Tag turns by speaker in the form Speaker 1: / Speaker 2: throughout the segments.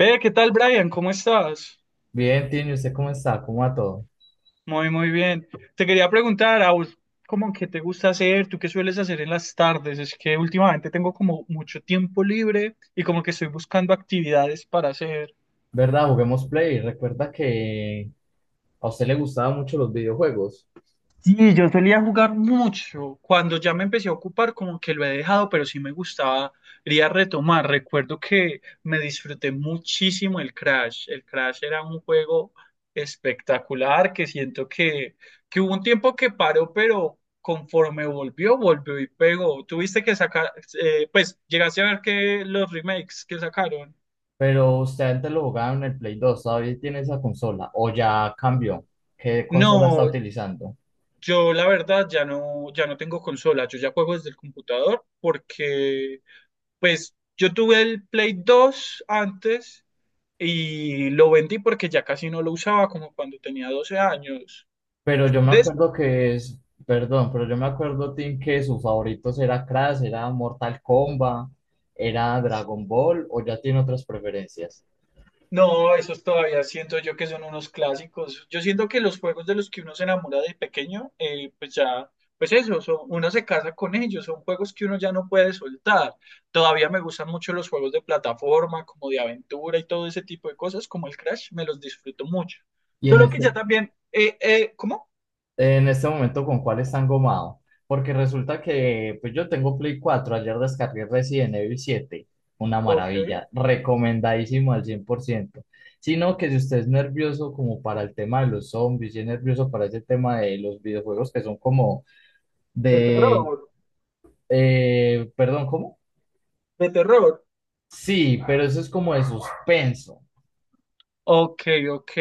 Speaker 1: Ve, ¿qué tal, Brian? ¿Cómo estás?
Speaker 2: Bien, Tini, ¿usted cómo está? ¿Cómo va todo?
Speaker 1: Muy, muy bien. Te quería preguntar, ¿a vos cómo que te gusta hacer? ¿Tú qué sueles hacer en las tardes? Es que últimamente tengo como mucho tiempo libre y como que estoy buscando actividades para hacer.
Speaker 2: ¿Verdad? Juguemos Play. Recuerda que a usted le gustaban mucho los videojuegos,
Speaker 1: Sí, yo solía jugar mucho. Cuando ya me empecé a ocupar, como que lo he dejado, pero sí me gustaba ir retomar. Recuerdo que me disfruté muchísimo el Crash. El Crash era un juego espectacular que siento que hubo un tiempo que paró, pero conforme volvió, volvió y pegó. Tuviste que sacar, pues llegaste a ver que los remakes que sacaron.
Speaker 2: pero usted antes lo jugaba en el Play 2. ¿Todavía tiene esa consola? ¿O ya cambió? ¿Qué consola está
Speaker 1: No,
Speaker 2: utilizando?
Speaker 1: yo la verdad ya no, ya no tengo consola. Yo ya juego desde el computador porque pues yo tuve el Play 2 antes y lo vendí porque ya casi no lo usaba como cuando tenía 12 años.
Speaker 2: Pero yo me
Speaker 1: Des-
Speaker 2: acuerdo que es, Perdón, pero yo me acuerdo, Tim, que sus favoritos era Crash, era Mortal Kombat, era Dragon Ball, o ya tiene otras preferencias.
Speaker 1: no, esos todavía siento yo que son unos clásicos. Yo siento que los juegos de los que uno se enamora de pequeño, pues ya, pues eso, uno se casa con ellos, son juegos que uno ya no puede soltar. Todavía me gustan mucho los juegos de plataforma, como de aventura y todo ese tipo de cosas, como el Crash, me los disfruto mucho.
Speaker 2: Y en
Speaker 1: Solo que
Speaker 2: este,
Speaker 1: ya también, ¿cómo?
Speaker 2: En este momento, ¿con cuál están gomado? Porque resulta que pues yo tengo Play 4, ayer descargué Resident Evil 7, una
Speaker 1: Ok,
Speaker 2: maravilla, recomendadísimo al 100%. Sino que si usted es nervioso como para el tema de los zombies y es nervioso para ese tema de los videojuegos que son como
Speaker 1: de
Speaker 2: de...
Speaker 1: terror.
Speaker 2: perdón, ¿cómo?
Speaker 1: De terror.
Speaker 2: Sí, pero eso es como de suspenso.
Speaker 1: Ok, ok.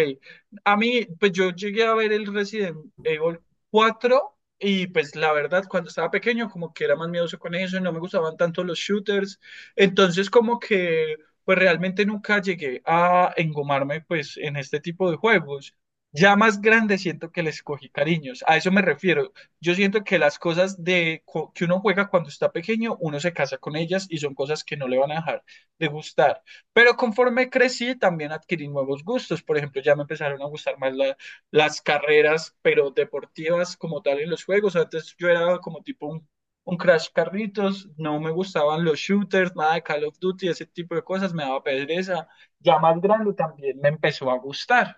Speaker 1: A mí, pues yo llegué a ver el Resident Evil 4 y pues la verdad, cuando estaba pequeño como que era más miedoso con eso, no me gustaban tanto los shooters. Entonces como que pues realmente nunca llegué a engomarme pues en este tipo de juegos. Ya más grande siento que les cogí cariños, a eso me refiero. Yo siento que las cosas de que uno juega cuando está pequeño, uno se casa con ellas y son cosas que no le van a dejar de gustar. Pero conforme crecí, también adquirí nuevos gustos. Por ejemplo, ya me empezaron a gustar más las carreras, pero deportivas como tal en los juegos. Antes yo era como tipo un Crash Carritos, no me gustaban los shooters, nada de Call of Duty, ese tipo de cosas, me daba pereza. Ya más grande también me empezó a gustar.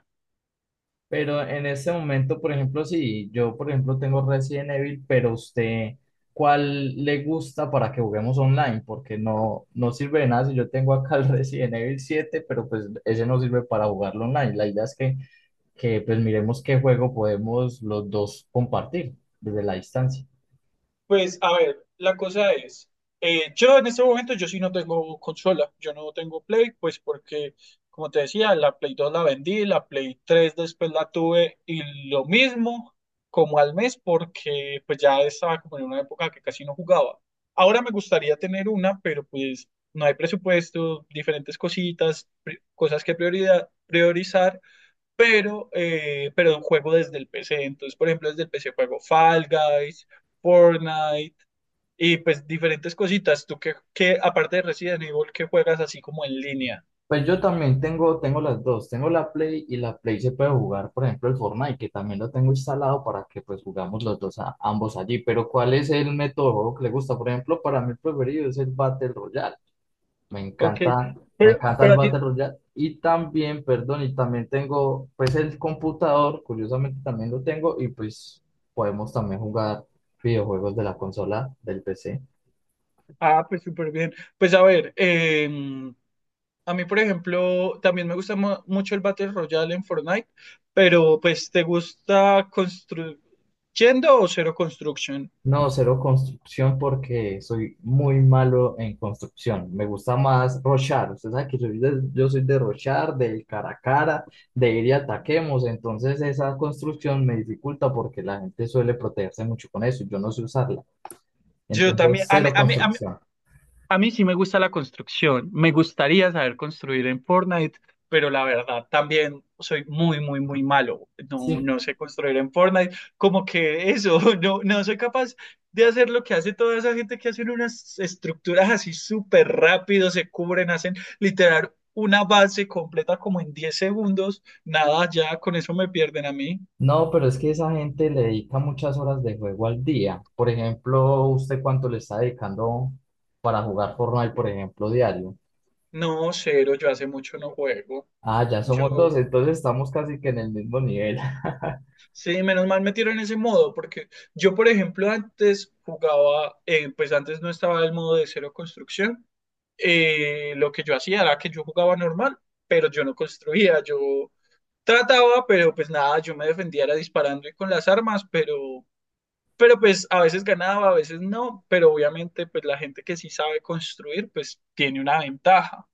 Speaker 2: Pero en este momento, por ejemplo, si yo, por ejemplo, tengo Resident Evil, pero usted, ¿cuál le gusta para que juguemos online? Porque no, no sirve de nada si yo tengo acá el Resident Evil 7, pero pues ese no sirve para jugarlo online. La idea es que pues miremos qué juego podemos los dos compartir desde la distancia.
Speaker 1: Pues a ver, la cosa es, yo en este momento yo sí no tengo consola, yo no tengo Play, pues porque, como te decía, la Play 2 la vendí, la Play 3 después la tuve y lo mismo como al mes porque pues ya estaba como en una época que casi no jugaba. Ahora me gustaría tener una, pero pues no hay presupuesto, diferentes cositas, cosas que prioridad, priorizar pero juego desde el PC. Entonces, por ejemplo, desde el PC juego Fall Guys, Fortnite y pues diferentes cositas. Tú que aparte de Resident Evil, que juegas así como en línea.
Speaker 2: Pues yo también tengo las dos, tengo la Play, y la Play se puede jugar, por ejemplo, el Fortnite, que también lo tengo instalado para que pues jugamos los dos ambos allí, pero ¿cuál es el método de juego que le gusta? Por ejemplo, para mí el preferido es el Battle Royale, me
Speaker 1: Ok,
Speaker 2: encanta. Me encanta el
Speaker 1: pero a ti,
Speaker 2: Battle Royale, y también, perdón, y también tengo pues el computador, curiosamente también lo tengo, y pues podemos también jugar videojuegos de la consola del PC.
Speaker 1: ah, pues súper bien. Pues a ver, a mí, por ejemplo, también me gusta mucho el Battle Royale en Fortnite, pero pues ¿te gusta construyendo o cero construction?
Speaker 2: No, cero construcción porque soy muy malo en construcción. Me gusta más rochar. Usted sabe que soy yo soy de rochar, del cara a cara, de ir y ataquemos. Entonces esa construcción me dificulta porque la gente suele protegerse mucho con eso. Yo no sé usarla.
Speaker 1: Yo también,
Speaker 2: Entonces
Speaker 1: a mí,
Speaker 2: cero construcción.
Speaker 1: a mí sí me gusta la construcción. Me gustaría saber construir en Fortnite, pero la verdad también soy muy, muy, muy malo. No,
Speaker 2: Sí.
Speaker 1: no sé construir en Fortnite. Como que eso, no, no soy capaz de hacer lo que hace toda esa gente que hacen unas estructuras así súper rápido, se cubren, hacen literal una base completa como en 10 segundos. Nada, ya con eso me pierden a mí.
Speaker 2: No, pero es que esa gente le dedica muchas horas de juego al día. Por ejemplo, ¿usted cuánto le está dedicando para jugar Fortnite, por ejemplo, diario?
Speaker 1: No, cero, yo hace mucho no juego.
Speaker 2: Ah, ya somos
Speaker 1: Yo
Speaker 2: dos, entonces estamos casi que en el mismo nivel.
Speaker 1: sí, menos mal metieron ese modo, porque yo, por ejemplo, antes jugaba, pues antes no estaba el modo de cero construcción. Lo que yo hacía era que yo jugaba normal, pero yo no construía, yo trataba, pero pues nada, yo me defendía era disparando y con las armas, pero pues a veces ganaba, a veces no, pero obviamente pues la gente que sí sabe construir, pues tiene una ventaja.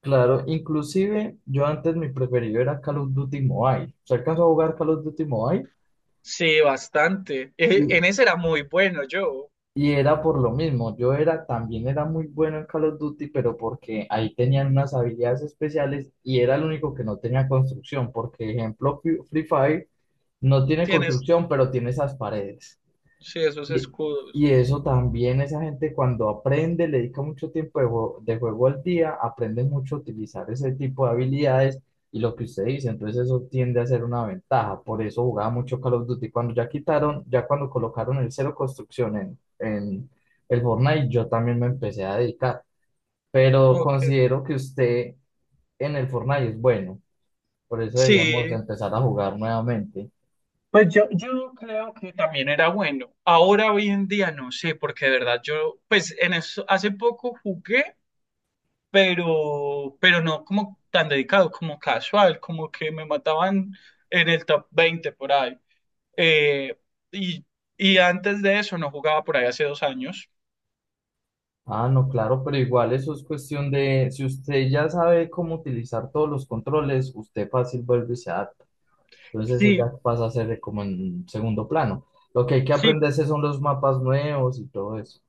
Speaker 2: Claro, inclusive yo antes mi preferido era Call of Duty Mobile. Se alcanzó a jugar Call of Duty Mobile
Speaker 1: Sí, bastante.
Speaker 2: y,
Speaker 1: En ese era muy bueno yo.
Speaker 2: y era por lo mismo. Yo era, también era muy bueno en Call of Duty, pero porque ahí tenían unas habilidades especiales y era el único que no tenía construcción. Porque, ejemplo, Free Fire no tiene
Speaker 1: Tienes,
Speaker 2: construcción, pero tiene esas paredes.
Speaker 1: sí, esos
Speaker 2: Y, y
Speaker 1: escudos.
Speaker 2: eso también, esa gente cuando aprende, le dedica mucho tiempo de juego al día, aprende mucho a utilizar ese tipo de habilidades, y lo que usted dice, entonces eso tiende a ser una ventaja. Por eso jugaba mucho Call of Duty. Cuando ya quitaron, ya cuando colocaron el cero construcción en el Fortnite, yo también me empecé a dedicar. Pero
Speaker 1: Ok.
Speaker 2: considero que usted en el Fortnite es bueno, por eso deberíamos
Speaker 1: Sí,
Speaker 2: empezar a jugar nuevamente.
Speaker 1: pues yo creo que también era bueno. Ahora, hoy en día, no sé, porque de verdad yo, pues en eso, hace poco jugué, pero no como tan dedicado, como casual, como que me mataban en el top 20 por ahí. Eh, y, Antes de eso no jugaba por ahí hace 2 años.
Speaker 2: Ah, no, claro, pero igual eso es cuestión de, si usted ya sabe cómo utilizar todos los controles, usted fácil vuelve y se adapta. Entonces eso
Speaker 1: Sí,
Speaker 2: ya pasa a ser de como en segundo plano. Lo que hay que
Speaker 1: sí,
Speaker 2: aprenderse son los mapas nuevos y todo eso.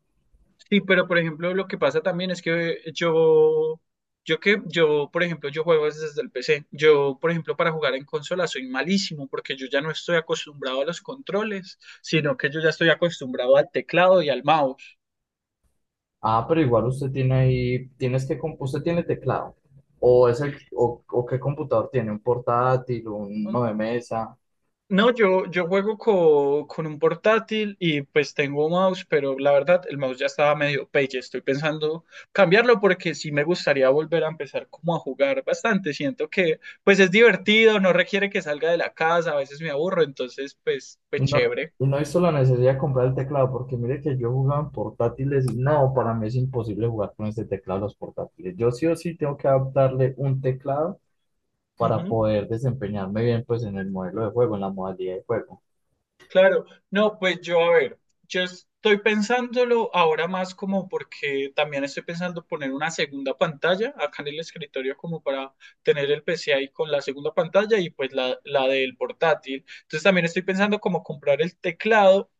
Speaker 1: sí, pero por ejemplo, lo que pasa también es que yo, yo, por ejemplo, yo juego es desde el PC. Yo, por ejemplo, para jugar en consola soy malísimo porque yo ya no estoy acostumbrado a los controles, sino que yo ya estoy acostumbrado al teclado y al mouse.
Speaker 2: Ah, pero igual usted tiene ahí, tienes usted tiene teclado. O es el, o qué computador tiene, un portátil, uno de mesa.
Speaker 1: No, yo juego con un portátil y pues tengo mouse, pero la verdad el mouse ya estaba medio pelle. Estoy pensando cambiarlo porque sí me gustaría volver a empezar como a jugar bastante. Siento que pues es divertido, no requiere que salga de la casa, a veces me aburro, entonces pues, pues
Speaker 2: No,
Speaker 1: chévere.
Speaker 2: y no he visto la necesidad de comprar el teclado, porque mire que yo jugaba en portátiles y no, para mí es imposible jugar con este teclado los portátiles. Yo sí o sí tengo que adaptarle un teclado para
Speaker 1: Ujú.
Speaker 2: poder desempeñarme bien pues en el modelo de juego, en la modalidad de juego.
Speaker 1: Claro, no, pues yo a ver, yo estoy pensándolo ahora más como porque también estoy pensando poner una segunda pantalla acá en el escritorio como para tener el PC ahí con la segunda pantalla y pues la del portátil. Entonces también estoy pensando como comprar el teclado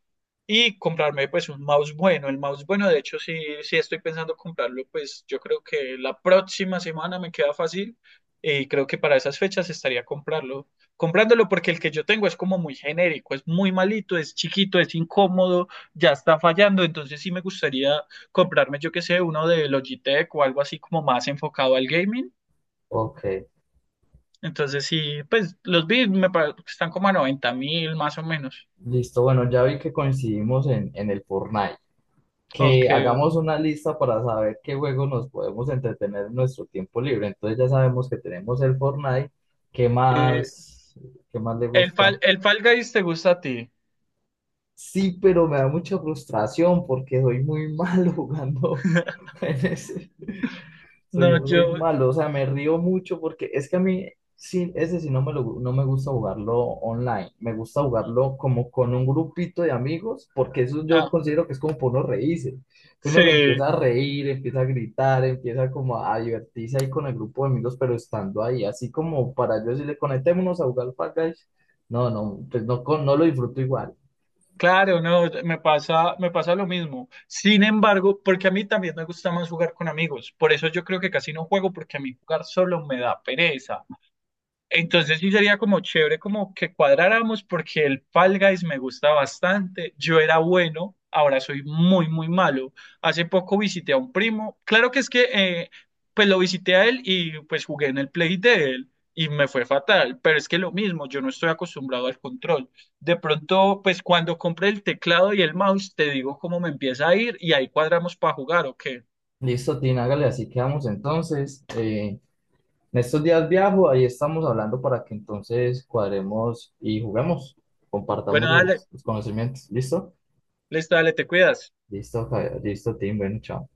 Speaker 1: y comprarme pues un mouse bueno. El mouse bueno, de hecho, sí, sí estoy pensando comprarlo, pues yo creo que la próxima semana me queda fácil y creo que para esas fechas estaría comprarlo. Comprándolo porque el que yo tengo es como muy genérico, es muy malito, es chiquito, es incómodo, ya está fallando, entonces sí me gustaría comprarme, yo que sé, uno de Logitech o algo así como más enfocado al gaming.
Speaker 2: Ok,
Speaker 1: Entonces sí, pues los vi, están como a 90 mil más o menos.
Speaker 2: listo. Bueno, ya vi que coincidimos en el Fortnite.
Speaker 1: Ok.
Speaker 2: Que hagamos una lista para saber qué juegos nos podemos entretener en nuestro tiempo libre. Entonces ya sabemos que tenemos el Fortnite. ¿Qué
Speaker 1: Eh,
Speaker 2: más, qué más le
Speaker 1: El
Speaker 2: gusta?
Speaker 1: Fall, el Fall Guys te gusta a ti.
Speaker 2: Sí, pero me da mucha frustración porque soy muy malo jugando en ese. Soy,
Speaker 1: No,
Speaker 2: soy
Speaker 1: yo.
Speaker 2: malo, o sea, me río mucho porque es que a mí, sí, ese sí no me, no me gusta jugarlo online. Me gusta jugarlo como con un grupito de amigos porque eso yo
Speaker 1: Ah,
Speaker 2: considero que es como por uno reírse. Uno se empieza
Speaker 1: sí,
Speaker 2: a reír, empieza a gritar, empieza como a divertirse ahí con el grupo de amigos, pero estando ahí, así como para yo decirle, conectémonos a jugar Fall Guys. No, no, pues no, no lo disfruto igual.
Speaker 1: claro, no, me pasa lo mismo. Sin embargo, porque a mí también me gusta más jugar con amigos. Por eso yo creo que casi no juego, porque a mí jugar solo me da pereza. Entonces sí sería como chévere como que cuadráramos porque el Fall Guys me gusta bastante. Yo era bueno, ahora soy muy, muy malo. Hace poco visité a un primo. Claro que es que pues lo visité a él y pues jugué en el play de él y me fue fatal. Pero es que lo mismo, yo no estoy acostumbrado al control. De pronto, pues cuando compré el teclado y el mouse, te digo cómo me empieza a ir y ahí cuadramos para jugar o qué.
Speaker 2: Listo, Tina, hágale, así quedamos entonces. En estos días viajo, ahí estamos hablando para que entonces cuadremos y juguemos,
Speaker 1: Bueno,
Speaker 2: compartamos
Speaker 1: dale,
Speaker 2: los conocimientos. ¿Listo?
Speaker 1: listo, dale, te cuidas.
Speaker 2: Listo, listo, Tim, bueno, chao.